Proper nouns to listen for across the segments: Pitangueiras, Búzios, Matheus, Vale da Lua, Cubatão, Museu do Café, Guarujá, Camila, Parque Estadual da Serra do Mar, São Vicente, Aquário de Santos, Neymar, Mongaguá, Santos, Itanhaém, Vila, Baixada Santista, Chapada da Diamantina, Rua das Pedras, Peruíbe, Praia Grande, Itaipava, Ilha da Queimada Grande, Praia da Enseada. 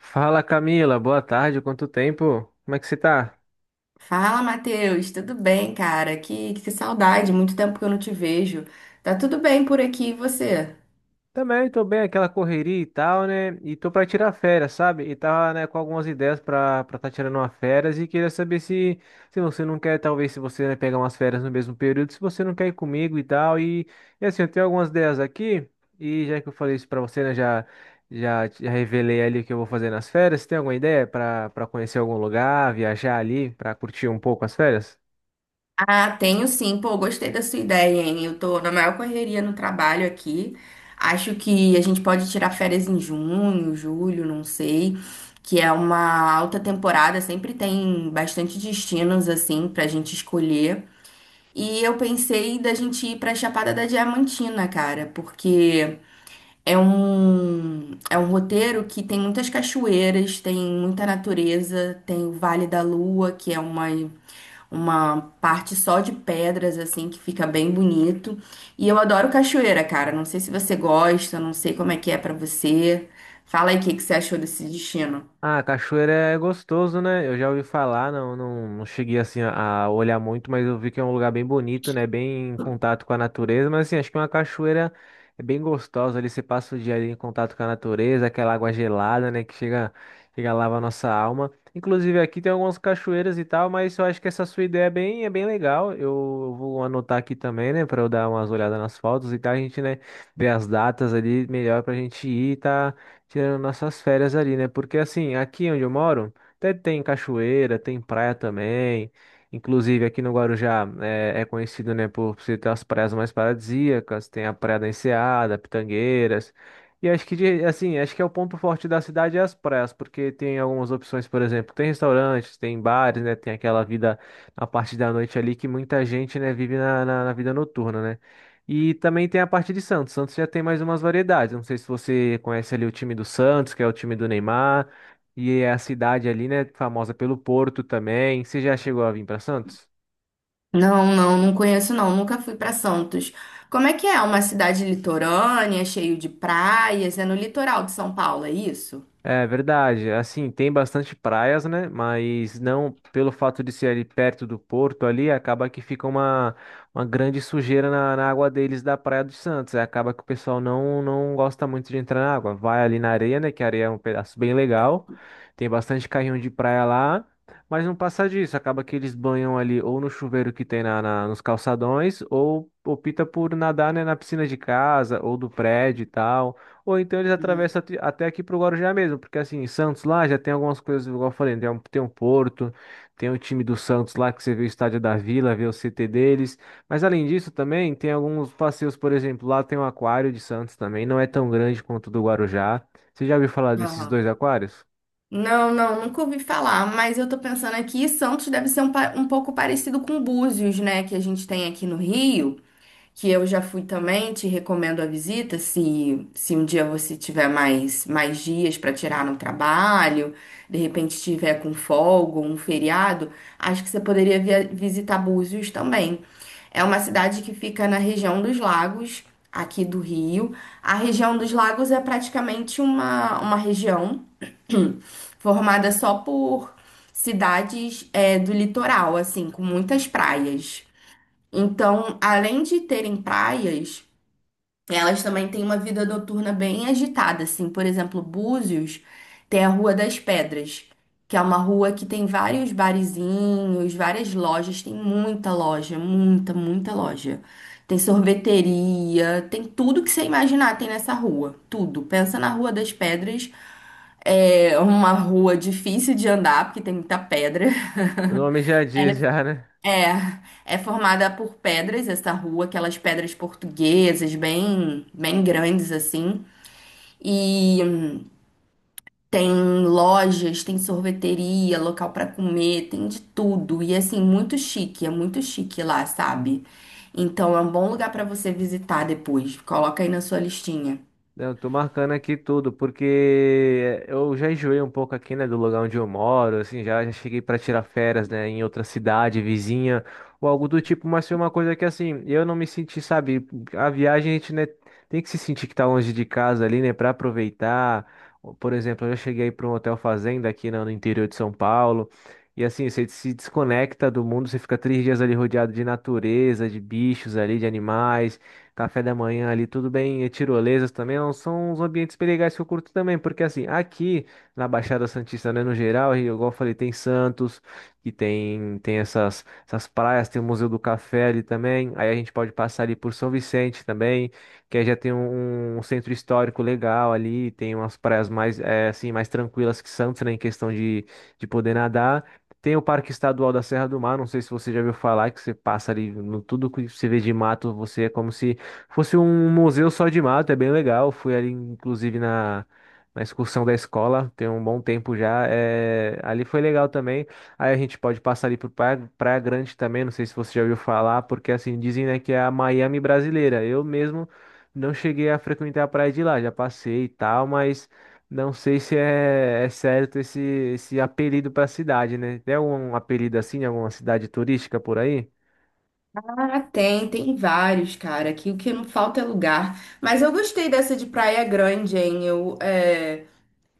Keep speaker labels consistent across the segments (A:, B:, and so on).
A: Fala Camila, boa tarde, quanto tempo? Como é que você tá?
B: Fala, Matheus, tudo bem, cara? Que saudade, muito tempo que eu não te vejo. Tá tudo bem por aqui, e você?
A: Também tô bem, aquela correria e tal, né? E tô pra tirar férias, sabe? E tava, né, com algumas ideias pra tá tirando uma férias e queria saber se, se você não quer, talvez, se você, né, pegar umas férias no mesmo período, se você não quer ir comigo e tal. E assim, eu tenho algumas ideias aqui e já que eu falei isso pra você, né, já, já revelei ali o que eu vou fazer nas férias. Você tem alguma ideia pra conhecer algum lugar, viajar ali, pra curtir um pouco as férias?
B: Ah, tenho sim, pô, gostei da sua ideia, hein? Eu tô na maior correria no trabalho aqui. Acho que a gente pode tirar férias em junho, julho, não sei, que é uma alta temporada, sempre tem bastante destinos assim pra gente escolher. E eu pensei da gente ir pra Chapada da Diamantina, cara, porque é um roteiro que tem muitas cachoeiras, tem muita natureza, tem o Vale da Lua, que é uma parte só de pedras, assim, que fica bem bonito. E eu adoro cachoeira, cara. Não sei se você gosta, não sei como é que é pra você. Fala aí o que que você achou desse destino.
A: Ah, cachoeira é gostoso, né? Eu já ouvi falar, não, não, não cheguei assim a olhar muito, mas eu vi que é um lugar bem bonito, né? Bem em contato com a natureza, mas assim, acho que uma cachoeira é bem gostosa ali, você passa o dia ali em contato com a natureza, aquela água gelada, né? Que chega, chega a lavar a nossa alma. Inclusive aqui tem algumas cachoeiras e tal, mas eu acho que essa sua ideia é bem legal. Eu vou anotar aqui também, né? Pra eu dar umas olhadas nas fotos e tal, a gente, né, ver as datas ali melhor pra gente ir, tá? Tirando nossas férias ali, né? Porque assim, aqui onde eu moro, até tem cachoeira, tem praia também. Inclusive aqui no Guarujá é, é conhecido, né, por ser ter as praias mais paradisíacas, tem a Praia da Enseada, Pitangueiras. E acho que assim, acho que é o ponto forte da cidade é as praias, porque tem algumas opções, por exemplo, tem restaurantes, tem bares, né, tem aquela vida na parte da noite ali que muita gente, né, vive na, na vida noturna, né? E também tem a parte de Santos. Santos já tem mais umas variedades. Não sei se você conhece ali o time do Santos, que é o time do Neymar, e é a cidade ali, né, famosa pelo Porto também. Você já chegou a vir para Santos?
B: Não, não, não conheço não, nunca fui pra Santos. Como é que é? Uma cidade litorânea, cheio de praias, é no litoral de São Paulo, é isso?
A: É verdade. Assim, tem bastante praias, né? Mas não pelo fato de ser ali perto do porto ali, acaba que fica uma grande sujeira na, na água deles da Praia dos Santos. Aí acaba que o pessoal não, não gosta muito de entrar na água. Vai ali na areia, né? Que a areia é um pedaço bem legal. Tem bastante carrinho de praia lá. Mas não passa disso. Acaba que eles banham ali ou no chuveiro que tem na, nos calçadões, ou opta por nadar, né, na piscina de casa ou do prédio e tal. Ou então eles
B: Uhum.
A: atravessam até aqui pro Guarujá mesmo, porque assim, em Santos lá já tem algumas coisas, igual eu falei, né? Tem um, tem um Porto, tem o time do Santos lá que você vê o estádio da Vila, vê o CT deles. Mas além disso também tem alguns passeios, por exemplo, lá tem um Aquário de Santos também, não é tão grande quanto o do Guarujá. Você já ouviu falar desses
B: Aham.
A: dois aquários?
B: Não, não, nunca ouvi falar, mas eu tô pensando aqui, Santos deve ser um, um pouco parecido com Búzios, né, que a gente tem aqui no Rio, que eu já fui também, te recomendo a visita, se um dia você tiver mais, mais dias para tirar no trabalho, de repente tiver com folga, um feriado, acho que você poderia visitar Búzios também. É uma cidade que fica na região dos lagos, aqui do Rio. A região dos lagos é praticamente uma região formada só por cidades é, do litoral, assim, com muitas praias. Então, além de terem praias, elas também têm uma vida noturna bem agitada, assim. Por exemplo, Búzios tem a Rua das Pedras, que é uma rua que tem vários barizinhos, várias lojas, tem muita loja, muita, muita loja. Tem sorveteria, tem tudo que você imaginar tem nessa rua, tudo. Pensa na Rua das Pedras, é uma rua difícil de andar, porque tem muita pedra.
A: O nome já diz já, né?
B: É, é formada por pedras essa rua, aquelas pedras portuguesas, bem, bem grandes assim. E tem lojas, tem sorveteria, local pra comer, tem de tudo. E assim, muito chique, é muito chique lá, sabe? Então é um bom lugar pra você visitar depois. Coloca aí na sua listinha.
A: Eu tô marcando aqui tudo, porque eu já enjoei um pouco aqui, né, do lugar onde eu moro, assim, já, já cheguei para tirar férias, né, em outra cidade, vizinha, ou algo do tipo, mas foi uma coisa que, assim, eu não me senti, sabe, a viagem a gente, né, tem que se sentir que tá longe de casa ali, né, para aproveitar. Por exemplo, eu já cheguei para um hotel fazenda aqui, né, no interior de São Paulo, e assim, você se desconecta do mundo, você fica 3 dias ali rodeado de natureza, de bichos ali, de animais, café da manhã ali, tudo bem, e tirolesas também, não são os ambientes bem legais que eu curto também, porque assim, aqui na Baixada Santista, né, no geral, e igual eu falei, tem Santos, que tem, tem essas, essas praias, tem o Museu do Café ali também, aí a gente pode passar ali por São Vicente também, que aí já tem um, um centro histórico legal ali, tem umas praias mais, assim, mais tranquilas que Santos, né, em questão de poder nadar. Tem o Parque Estadual da Serra do Mar, não sei se você já ouviu falar, que você passa ali no tudo que você vê de mato, você é como se fosse um museu só de mato, é bem legal. Fui ali, inclusive, na, na excursão da escola, tem um bom tempo já. É, ali foi legal também. Aí a gente pode passar ali por Praia, Praia Grande também, não sei se você já ouviu falar, porque assim, dizem, né, que é a Miami brasileira. Eu mesmo não cheguei a frequentar a praia de lá, já passei e tal, mas não sei se é, é certo esse, esse apelido para a cidade, né? Tem algum apelido assim, em alguma cidade turística por aí?
B: Ah, tem, tem vários, cara. Aqui o que não falta é lugar. Mas eu gostei dessa de Praia Grande, hein? Eu, é,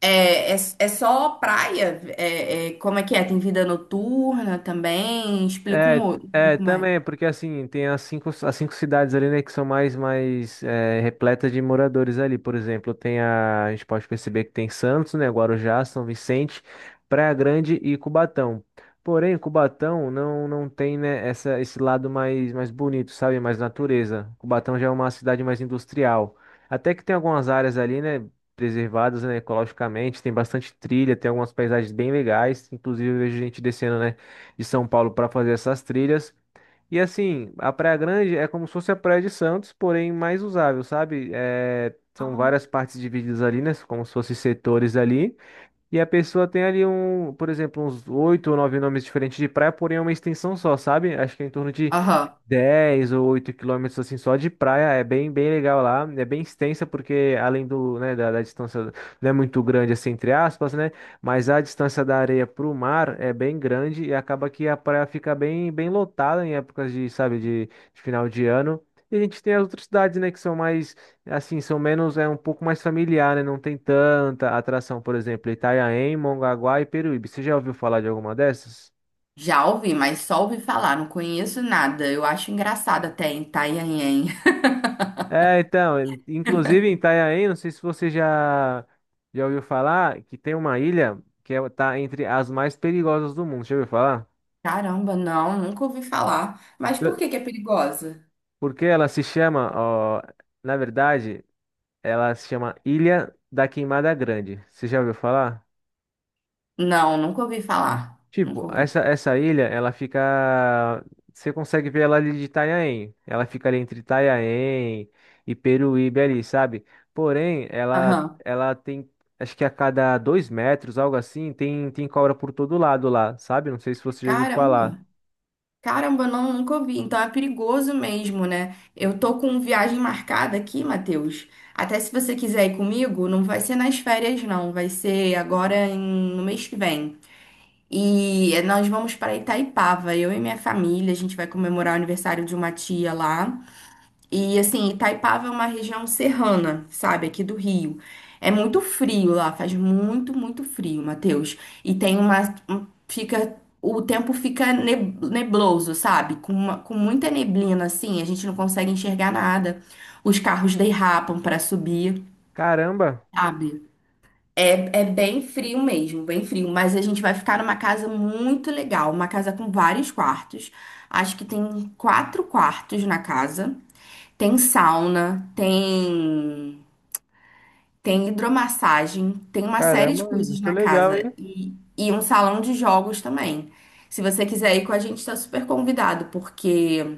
B: é só praia? É, é, como é que é? Tem vida noturna também? Explica um,
A: É,
B: um
A: é,
B: pouco mais.
A: também, porque assim, tem as 5, as 5 cidades ali, né, que são mais, mais é, repletas de moradores ali. Por exemplo, tem a gente pode perceber que tem Santos, né, Guarujá, São Vicente, Praia Grande e Cubatão. Porém, Cubatão não, não tem, né, essa, esse lado mais, mais bonito, sabe, mais natureza. Cubatão já é uma cidade mais industrial. Até que tem algumas áreas ali, né, preservadas, né, ecologicamente, tem bastante trilha, tem algumas paisagens bem legais, inclusive eu vejo gente descendo, né, de São Paulo para fazer essas trilhas. E assim, a Praia Grande é como se fosse a Praia de Santos, porém mais usável, sabe? É, são
B: Ah.
A: várias partes divididas ali, né? Como se fossem setores ali. E a pessoa tem ali um, por exemplo, uns 8 ou 9 nomes diferentes de praia, porém é uma extensão só, sabe? Acho que é em torno de
B: Aham.
A: 10 ou 8 quilômetros assim só de praia, é bem bem legal lá, é bem extensa porque além do, né, da, da distância não é muito grande assim entre aspas, né, mas a distância da areia para o mar é bem grande e acaba que a praia fica bem bem lotada em épocas de, sabe, de final de ano. E a gente tem as outras cidades, né, que são mais assim, são menos é um pouco mais familiar, né, não tem tanta atração, por exemplo, Itanhaém, Mongaguá e Peruíbe. Você já ouviu falar de alguma dessas?
B: Já ouvi, mas só ouvi falar, não conheço nada. Eu acho engraçado até em Itanhaém.
A: É, então, inclusive em Itanhaém, não sei se você já, já ouviu falar, que tem uma ilha que é, tá entre as mais perigosas do mundo. Já ouviu falar?
B: Caramba, não, nunca ouvi falar. Mas
A: Já.
B: por que que é perigosa?
A: Porque ela se chama, ó, na verdade, ela se chama Ilha da Queimada Grande. Você já ouviu falar?
B: Não, nunca ouvi falar.
A: Tipo,
B: Nunca ouvi.
A: essa ilha, ela fica. Você consegue ver ela ali de Itanhaém. Ela fica ali entre Itanhaém e Peruíbe ali, sabe? Porém, ela,
B: Aham.
A: ela tem. Acho que a cada 2 metros, algo assim, tem, tem cobra por todo lado lá, sabe? Não sei se você já ouviu falar.
B: Caramba. Caramba, não, nunca ouvi. Então é perigoso mesmo, né? Eu tô com viagem marcada aqui, Matheus. Até se você quiser ir comigo, não vai ser nas férias, não. Vai ser agora no mês que vem. E nós vamos para Itaipava, eu e minha família. A gente vai comemorar o aniversário de uma tia lá. E assim, Itaipava é uma região serrana, sabe, aqui do Rio. É muito frio lá, faz muito, muito frio, Matheus. E tem uma, fica, o tempo fica nebloso, sabe? Com com muita neblina assim, a gente não consegue enxergar nada. Os carros derrapam para subir,
A: Caramba,
B: sabe? É, é bem frio mesmo, bem frio, mas a gente vai ficar numa casa muito legal, uma casa com vários quartos. Acho que tem 4 quartos na casa. Tem sauna, tem hidromassagem, tem uma série de
A: caramba,
B: coisas
A: muito
B: na
A: legal,
B: casa
A: hein?
B: e um salão de jogos também. Se você quiser ir com a gente, está super convidado, porque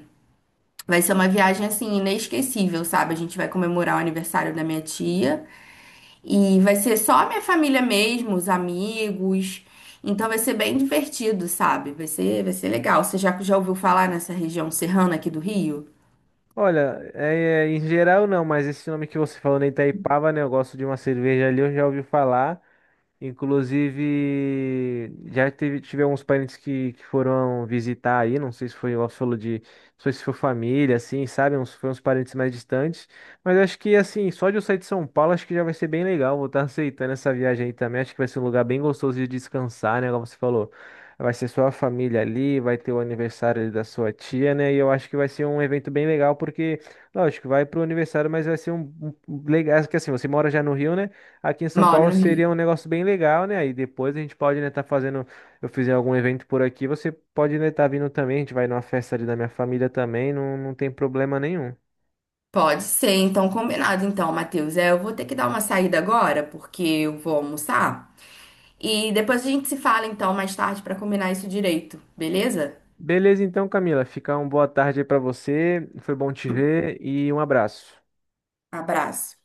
B: vai ser uma viagem assim inesquecível, sabe? A gente vai comemorar o aniversário da minha tia e vai ser só a minha família mesmo, os amigos. Então vai ser bem divertido, sabe? Vai ser legal. Você já, já ouviu falar nessa região serrana aqui do Rio?
A: Olha, é, é, em geral não, mas esse nome que você falou na Itaipava, né? Eu gosto de uma cerveja ali, eu já ouvi falar. Inclusive, já teve, tive alguns parentes que foram visitar aí, não sei se foi, igual você falou de, não sei se foi família, assim, sabe? Uns, foi uns parentes mais distantes. Mas acho que, assim, só de eu sair de São Paulo, acho que já vai ser bem legal. Vou estar aceitando essa viagem aí também. Acho que vai ser um lugar bem gostoso de descansar, né? Como você falou, vai ser sua família ali, vai ter o aniversário ali da sua tia, né? E eu acho que vai ser um evento bem legal, porque, lógico, vai pro aniversário, mas vai ser um, um legal, que assim, você mora já no Rio, né? Aqui em São
B: Moro
A: Paulo
B: no Rio.
A: seria um negócio bem legal, né? Aí depois a gente pode, né, tá fazendo, eu fizer algum evento por aqui, você pode, né, tá vindo também, a gente vai numa festa ali da minha família também, não, não tem problema nenhum.
B: Pode ser, então combinado. Então, Matheus, é, eu vou ter que dar uma saída agora, porque eu vou almoçar. E depois a gente se fala, então, mais tarde, para combinar isso direito, beleza?
A: Beleza então, Camila, fica uma boa tarde aí pra você, foi bom te ver e um abraço.
B: Abraço.